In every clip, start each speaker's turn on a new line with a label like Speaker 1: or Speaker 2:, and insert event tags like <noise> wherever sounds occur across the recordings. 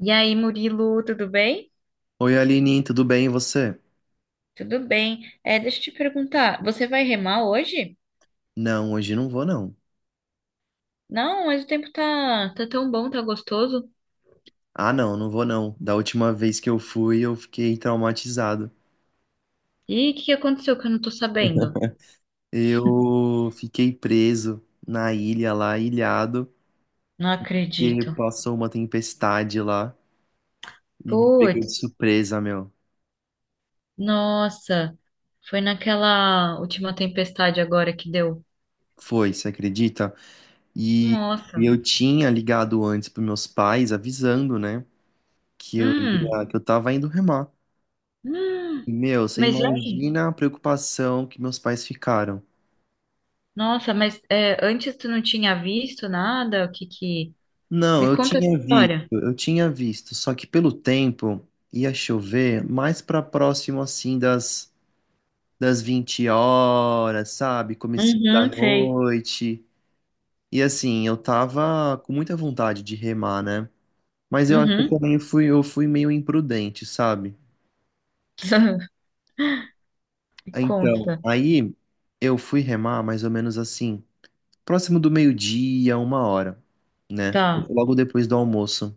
Speaker 1: E aí, Murilo, tudo bem?
Speaker 2: Oi, Aline, tudo bem e você?
Speaker 1: Tudo bem. Deixa eu te perguntar, você vai remar hoje?
Speaker 2: Não, hoje não vou não.
Speaker 1: Não, mas o tempo tá tão bom, tá gostoso.
Speaker 2: Ah, não, não vou não. Da última vez que eu fui, eu fiquei traumatizado.
Speaker 1: E o que que aconteceu que eu não tô sabendo?
Speaker 2: Eu fiquei preso na ilha lá, ilhado,
Speaker 1: Não
Speaker 2: e
Speaker 1: acredito.
Speaker 2: passou uma tempestade lá e me pegou de
Speaker 1: Puts,
Speaker 2: surpresa, meu.
Speaker 1: nossa, foi naquela última tempestade agora que deu.
Speaker 2: Foi, você acredita? E
Speaker 1: Nossa,
Speaker 2: eu tinha ligado antes pros meus pais, avisando, né,
Speaker 1: hum,
Speaker 2: que eu tava indo remar. E,
Speaker 1: hum.
Speaker 2: meu, você
Speaker 1: Mas e aí?
Speaker 2: imagina a preocupação que meus pais ficaram.
Speaker 1: Nossa, mas é, antes tu não tinha visto nada? O que que...
Speaker 2: Não,
Speaker 1: Me
Speaker 2: eu
Speaker 1: conta essa
Speaker 2: tinha visto,
Speaker 1: história.
Speaker 2: eu tinha visto, só que pelo tempo ia chover mais para próximo assim das 20 horas, sabe? Comecinho da
Speaker 1: Uhum, sei.
Speaker 2: noite. E assim, eu tava com muita vontade de remar, né? Mas eu acho que
Speaker 1: Uhum.
Speaker 2: eu fui meio imprudente, sabe?
Speaker 1: <laughs>
Speaker 2: Então,
Speaker 1: Conta.
Speaker 2: aí eu fui remar mais ou menos assim, próximo do meio-dia, uma hora, né?
Speaker 1: Tá.
Speaker 2: Logo depois do almoço.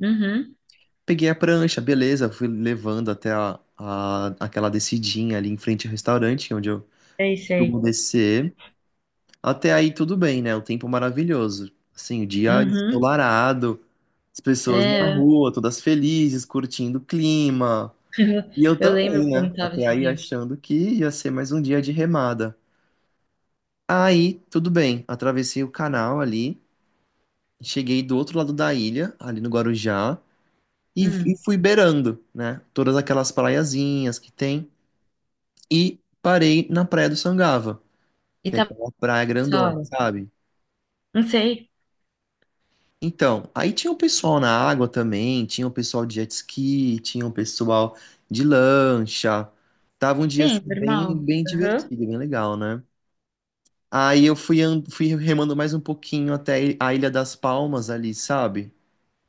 Speaker 1: Uhum.
Speaker 2: Peguei a prancha, beleza, fui levando até aquela descidinha ali em frente ao restaurante, onde eu
Speaker 1: Sei,
Speaker 2: eu
Speaker 1: sei.
Speaker 2: vou descer. Até aí tudo bem, né? O tempo maravilhoso. Assim, o dia
Speaker 1: Uhum.
Speaker 2: ensolarado, as pessoas na
Speaker 1: É,
Speaker 2: rua, todas felizes, curtindo o clima. E eu
Speaker 1: eu lembro
Speaker 2: também,
Speaker 1: como
Speaker 2: né?
Speaker 1: tava
Speaker 2: Até
Speaker 1: esse
Speaker 2: aí
Speaker 1: dia.
Speaker 2: achando que ia ser mais um dia de remada. Aí, tudo bem, atravessei o canal ali, cheguei do outro lado da ilha, ali no Guarujá, e
Speaker 1: Hum.
Speaker 2: fui beirando, né? Todas aquelas praiazinhas que tem. E parei na Praia do Sangava,
Speaker 1: E
Speaker 2: que é
Speaker 1: tava
Speaker 2: aquela praia
Speaker 1: essa
Speaker 2: grandona,
Speaker 1: hora?
Speaker 2: sabe?
Speaker 1: Não sei.
Speaker 2: Então, aí tinha o pessoal na água também, tinha o pessoal de jet ski, tinha o pessoal de lancha. Tava um dia
Speaker 1: Sim,
Speaker 2: assim, bem,
Speaker 1: normal.
Speaker 2: bem
Speaker 1: Aham.
Speaker 2: divertido, bem legal, né? Aí eu fui, fui remando mais um pouquinho até a Ilha das Palmas ali, sabe?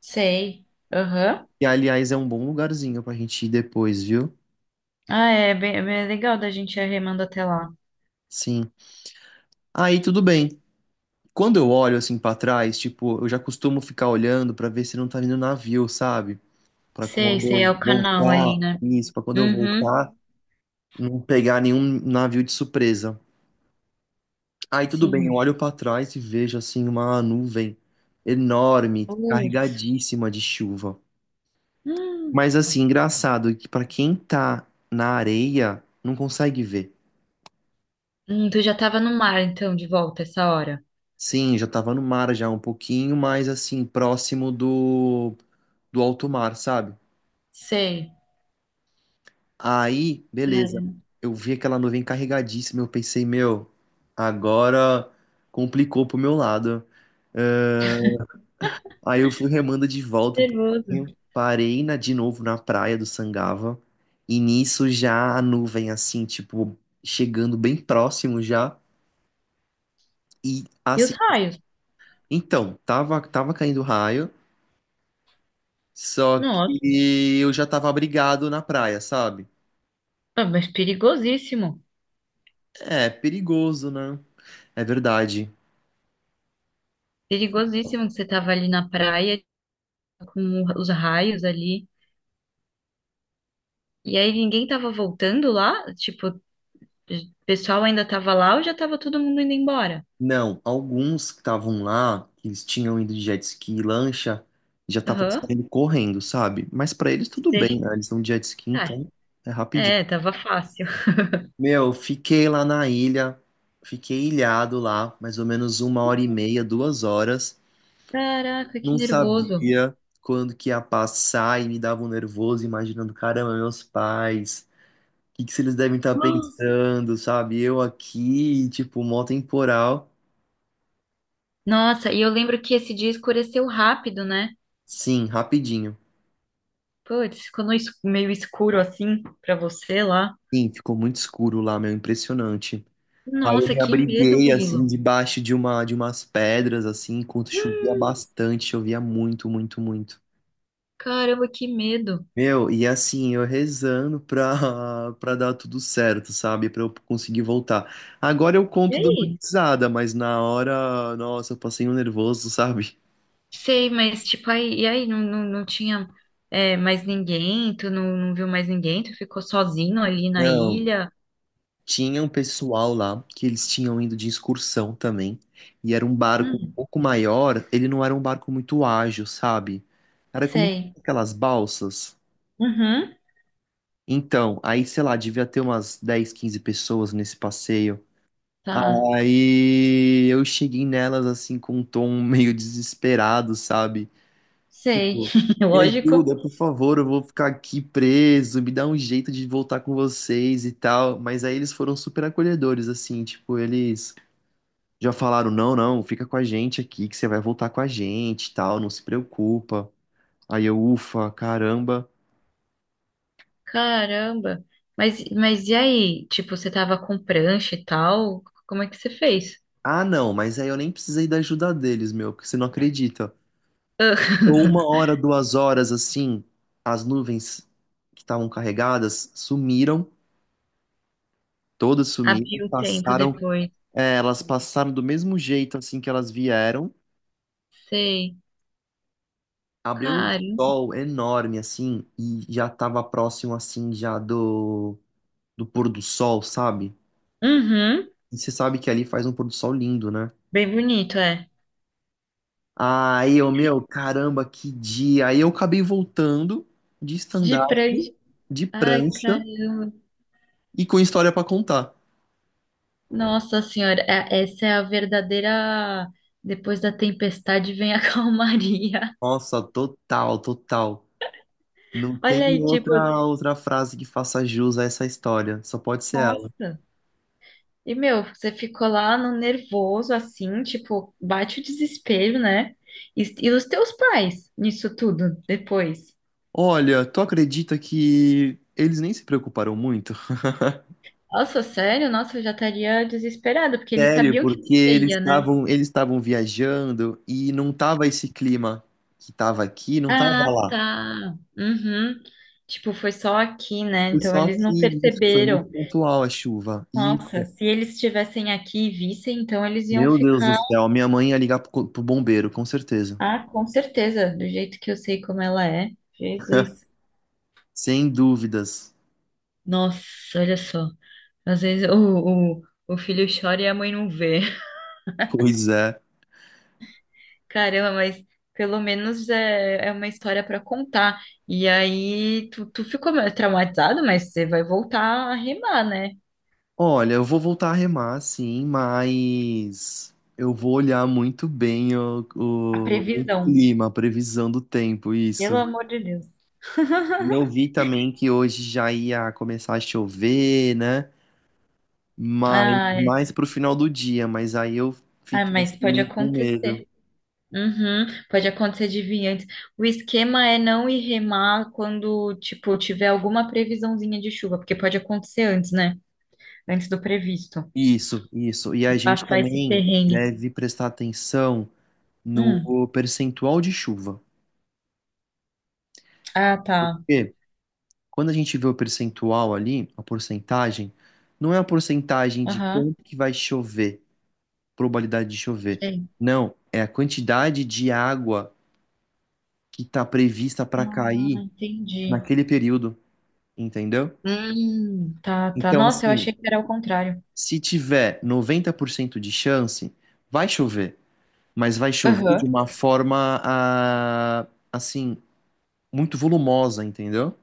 Speaker 1: Sei. Aham.
Speaker 2: Que, aliás, é um bom lugarzinho pra gente ir depois, viu?
Speaker 1: Ah, é bem legal da gente ir remando até lá.
Speaker 2: Sim. Aí tudo bem. Quando eu olho assim pra trás, tipo, eu já costumo ficar olhando pra ver se não tá vindo navio, sabe? Para
Speaker 1: Sei,
Speaker 2: quando
Speaker 1: sei, é
Speaker 2: eu
Speaker 1: o canal ali,
Speaker 2: voltar,
Speaker 1: né?
Speaker 2: isso, para quando eu
Speaker 1: Uhum.
Speaker 2: voltar, não pegar nenhum navio de surpresa. Aí tudo bem, eu
Speaker 1: Sim.
Speaker 2: olho para trás e vejo assim uma nuvem enorme,
Speaker 1: Putz.
Speaker 2: carregadíssima de chuva.
Speaker 1: Hum.
Speaker 2: Mas assim, engraçado que para quem tá na areia, não consegue ver.
Speaker 1: Tu já tava no mar, então, de volta essa hora.
Speaker 2: Sim, já tava no mar já um pouquinho, mas assim, próximo do do alto mar, sabe?
Speaker 1: Sei.
Speaker 2: Aí,
Speaker 1: Cara,
Speaker 2: beleza. Eu vi aquela nuvem carregadíssima. Eu pensei, meu, agora complicou pro meu lado. Ah, aí eu fui remando de volta um
Speaker 1: nervoso.
Speaker 2: pouquinho. Parei na, de novo na praia do Sangava. E nisso já a nuvem, assim, tipo, chegando bem próximo já. E
Speaker 1: E os
Speaker 2: assim,
Speaker 1: raios?
Speaker 2: então, tava caindo raio. Só
Speaker 1: Nossa,
Speaker 2: que eu já tava abrigado na praia, sabe?
Speaker 1: ah, mas perigosíssimo.
Speaker 2: É, perigoso, né? É verdade.
Speaker 1: Perigosíssimo que você tava ali na praia com os raios ali. E aí ninguém tava voltando lá? Tipo, o pessoal ainda tava lá ou já tava todo mundo indo embora?
Speaker 2: Não, alguns que estavam lá, que eles tinham ido de jet ski e lancha, já estavam
Speaker 1: Aham,
Speaker 2: saindo correndo, sabe? Mas pra eles tudo bem,
Speaker 1: sei.
Speaker 2: né? Eles estão de jet ski,
Speaker 1: Ah,
Speaker 2: então é rapidinho.
Speaker 1: é, tava fácil. <laughs>
Speaker 2: Meu, fiquei lá na ilha, fiquei ilhado lá, mais ou menos uma hora e meia, duas horas.
Speaker 1: Caraca, que
Speaker 2: Não
Speaker 1: nervoso.
Speaker 2: sabia quando que ia passar e me dava um nervoso, imaginando, caramba, meus pais, o que que se eles devem estar
Speaker 1: Ah,
Speaker 2: pensando, sabe? Eu aqui, tipo, mó temporal.
Speaker 1: nossa, e eu lembro que esse dia escureceu rápido, né?
Speaker 2: Sim, rapidinho.
Speaker 1: Putz, ficou no meio escuro assim pra você lá.
Speaker 2: Sim, ficou muito escuro lá, meu, impressionante. Aí eu
Speaker 1: Nossa,
Speaker 2: me
Speaker 1: que medo,
Speaker 2: abriguei, assim,
Speaker 1: Murilo.
Speaker 2: debaixo de uma, de umas pedras, assim, enquanto chovia
Speaker 1: Hum,
Speaker 2: bastante, chovia muito, muito, muito.
Speaker 1: caramba, que medo.
Speaker 2: Meu, e assim, eu rezando pra, <laughs> pra dar tudo certo, sabe? Pra eu conseguir voltar. Agora eu
Speaker 1: E
Speaker 2: conto dando
Speaker 1: aí?
Speaker 2: risada, mas na hora, nossa, eu passei um nervoso, sabe?
Speaker 1: Sei, mas tipo, aí, e aí não tinha é, mais ninguém, tu não viu mais ninguém, tu ficou sozinho ali na
Speaker 2: Não.
Speaker 1: ilha.
Speaker 2: Tinha um pessoal lá que eles tinham ido de excursão também, e era um barco um
Speaker 1: Hum,
Speaker 2: pouco maior, ele não era um barco muito ágil, sabe? Era como
Speaker 1: sei.
Speaker 2: aquelas balsas.
Speaker 1: Uhum,
Speaker 2: Então, aí, sei lá, devia ter umas 10 15 pessoas nesse passeio.
Speaker 1: tá.
Speaker 2: Aí eu cheguei nelas assim com um tom <laughs> meio desesperado, sabe?
Speaker 1: Sei.
Speaker 2: Tipo,
Speaker 1: <laughs>
Speaker 2: me
Speaker 1: Lógico.
Speaker 2: ajuda, por favor, eu vou ficar aqui preso, me dá um jeito de voltar com vocês e tal. Mas aí eles foram super acolhedores, assim, tipo, eles já falaram, não, não, fica com a gente aqui, que você vai voltar com a gente, e tal, não se preocupa. Aí eu, ufa, caramba.
Speaker 1: Caramba. Mas e aí? Tipo, você tava com prancha e tal? Como é que você fez?
Speaker 2: Ah, não, mas aí eu nem precisei da ajuda deles, meu, porque você não acredita. Ou uma hora, duas horas, assim, as nuvens que estavam carregadas sumiram, todas sumiram,
Speaker 1: Abriu o tempo
Speaker 2: passaram,
Speaker 1: depois.
Speaker 2: é, elas passaram do mesmo jeito, assim, que elas vieram.
Speaker 1: Sei.
Speaker 2: Abriu um
Speaker 1: Cara.
Speaker 2: sol enorme, assim, e já tava próximo, assim, já do, do pôr do sol, sabe?
Speaker 1: Uhum.
Speaker 2: E você sabe que ali faz um pôr do sol lindo, né?
Speaker 1: Bem bonito, é.
Speaker 2: Aí eu, meu, caramba, que dia. Aí eu acabei voltando de
Speaker 1: De
Speaker 2: stand-up,
Speaker 1: prancha.
Speaker 2: de
Speaker 1: Ai,
Speaker 2: prancha
Speaker 1: caramba.
Speaker 2: e com história pra contar.
Speaker 1: Nossa Senhora, essa é a verdadeira. Depois da tempestade vem a <laughs> calmaria.
Speaker 2: Nossa, total, total. Não
Speaker 1: Olha
Speaker 2: tem
Speaker 1: aí, tipo,
Speaker 2: outra frase que faça jus a essa história. Só pode ser ela.
Speaker 1: nossa. E meu, você ficou lá no nervoso, assim, tipo, bate o desespero, né? E os teus pais nisso tudo depois.
Speaker 2: Olha, tu acredita que eles nem se preocuparam muito?
Speaker 1: Nossa, sério? Nossa, eu já estaria desesperada, porque eles
Speaker 2: Sério,
Speaker 1: sabiam que
Speaker 2: porque
Speaker 1: você
Speaker 2: eles
Speaker 1: ia, né?
Speaker 2: estavam eles estavam viajando e não tava esse clima que tava aqui, não tava
Speaker 1: Ah,
Speaker 2: lá.
Speaker 1: tá. Uhum. Tipo, foi só aqui, né?
Speaker 2: Foi
Speaker 1: Então
Speaker 2: só
Speaker 1: eles
Speaker 2: que
Speaker 1: não
Speaker 2: isso, foi muito
Speaker 1: perceberam.
Speaker 2: pontual a chuva. Isso.
Speaker 1: Nossa, se eles estivessem aqui e vissem, então eles iam
Speaker 2: Meu Deus do
Speaker 1: ficar.
Speaker 2: céu, minha mãe ia ligar pro, pro bombeiro, com certeza.
Speaker 1: Ah, com certeza, do jeito que eu sei como ela é. Jesus.
Speaker 2: Sem dúvidas.
Speaker 1: Nossa, olha só. Às vezes o filho chora e a mãe não vê. <laughs>
Speaker 2: Pois é.
Speaker 1: Caramba, mas pelo menos é, é uma história para contar. E aí tu, tu ficou meio traumatizado, mas você vai voltar a rimar, né?
Speaker 2: Olha, eu vou voltar a remar, sim, mas eu vou olhar muito bem o,
Speaker 1: A
Speaker 2: o
Speaker 1: previsão.
Speaker 2: clima, a previsão do tempo,
Speaker 1: Pelo
Speaker 2: isso.
Speaker 1: amor de Deus.
Speaker 2: E
Speaker 1: <laughs>
Speaker 2: eu vi também que hoje já ia começar a chover, né? Mas
Speaker 1: Ai, ai,
Speaker 2: mais pro final do dia, mas aí eu fiquei assim
Speaker 1: mas pode
Speaker 2: meio com
Speaker 1: acontecer.
Speaker 2: medo.
Speaker 1: Uhum, pode acontecer de vir antes. O esquema é não ir remar quando, tipo, tiver alguma previsãozinha de chuva, porque pode acontecer antes, né? Antes do previsto.
Speaker 2: Isso, isso. E
Speaker 1: E
Speaker 2: a gente
Speaker 1: passar esse
Speaker 2: também
Speaker 1: perrengue.
Speaker 2: deve prestar atenção
Speaker 1: Hum,
Speaker 2: no percentual de chuva.
Speaker 1: ah, tá.
Speaker 2: Porque quando a gente vê o percentual ali, a porcentagem, não é a porcentagem de
Speaker 1: Aham,
Speaker 2: quanto que vai chover, probabilidade de chover.
Speaker 1: sei.
Speaker 2: Não, é a quantidade de água que está prevista para
Speaker 1: Ah,
Speaker 2: cair
Speaker 1: entendi.
Speaker 2: naquele período, entendeu?
Speaker 1: Tá, tá.
Speaker 2: Então,
Speaker 1: Nossa, eu
Speaker 2: assim,
Speaker 1: achei que era o contrário.
Speaker 2: se tiver 90% de chance, vai chover, mas vai chover de
Speaker 1: Aham.
Speaker 2: uma forma, ah, assim muito volumosa, entendeu?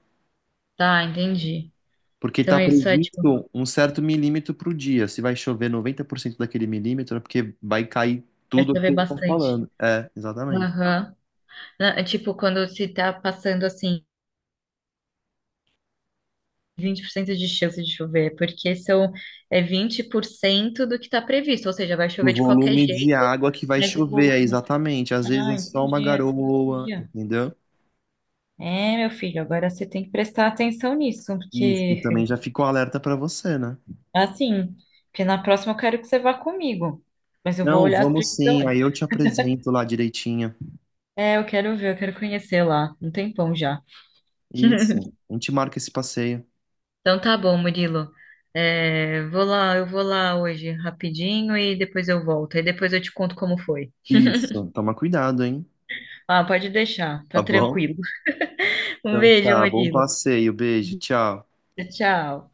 Speaker 1: Tá, entendi.
Speaker 2: Porque
Speaker 1: Então
Speaker 2: está
Speaker 1: é isso é, tipo,
Speaker 2: previsto um certo milímetro pro dia. Se vai chover 90% daquele milímetro, é porque vai cair
Speaker 1: vai
Speaker 2: tudo o que
Speaker 1: saber
Speaker 2: eu estou
Speaker 1: bastante.
Speaker 2: falando. É, exatamente.
Speaker 1: Aham. É tipo, quando se tá passando assim 20% de chance de chover, porque são é 20% do que está previsto, ou seja, vai
Speaker 2: O
Speaker 1: chover de qualquer
Speaker 2: volume de
Speaker 1: jeito,
Speaker 2: água que vai
Speaker 1: mas o
Speaker 2: chover, é
Speaker 1: volume.
Speaker 2: exatamente. Às vezes é
Speaker 1: Ah,
Speaker 2: só uma
Speaker 1: entendi, essa eu não
Speaker 2: garoa,
Speaker 1: sabia.
Speaker 2: entendeu?
Speaker 1: É, meu filho, agora você tem que prestar atenção nisso,
Speaker 2: Isso, e também
Speaker 1: porque
Speaker 2: já ficou alerta para você, né?
Speaker 1: assim, porque na próxima eu quero que você vá comigo, mas eu vou
Speaker 2: Não,
Speaker 1: olhar a
Speaker 2: vamos
Speaker 1: previsão
Speaker 2: sim, aí eu
Speaker 1: antes.
Speaker 2: te apresento lá direitinho.
Speaker 1: É, eu quero ver, eu quero conhecer lá, um tempão já.
Speaker 2: Isso, a gente marca esse passeio.
Speaker 1: Então tá bom, Murilo. É, vou lá, eu vou lá hoje rapidinho e depois eu volto. E depois eu te conto como foi.
Speaker 2: Isso, toma cuidado, hein?
Speaker 1: Ah, pode deixar, tá
Speaker 2: Tá bom?
Speaker 1: tranquilo. Um
Speaker 2: Então
Speaker 1: beijo,
Speaker 2: tá, bom
Speaker 1: Murilo.
Speaker 2: passeio, beijo, tchau.
Speaker 1: Tchau.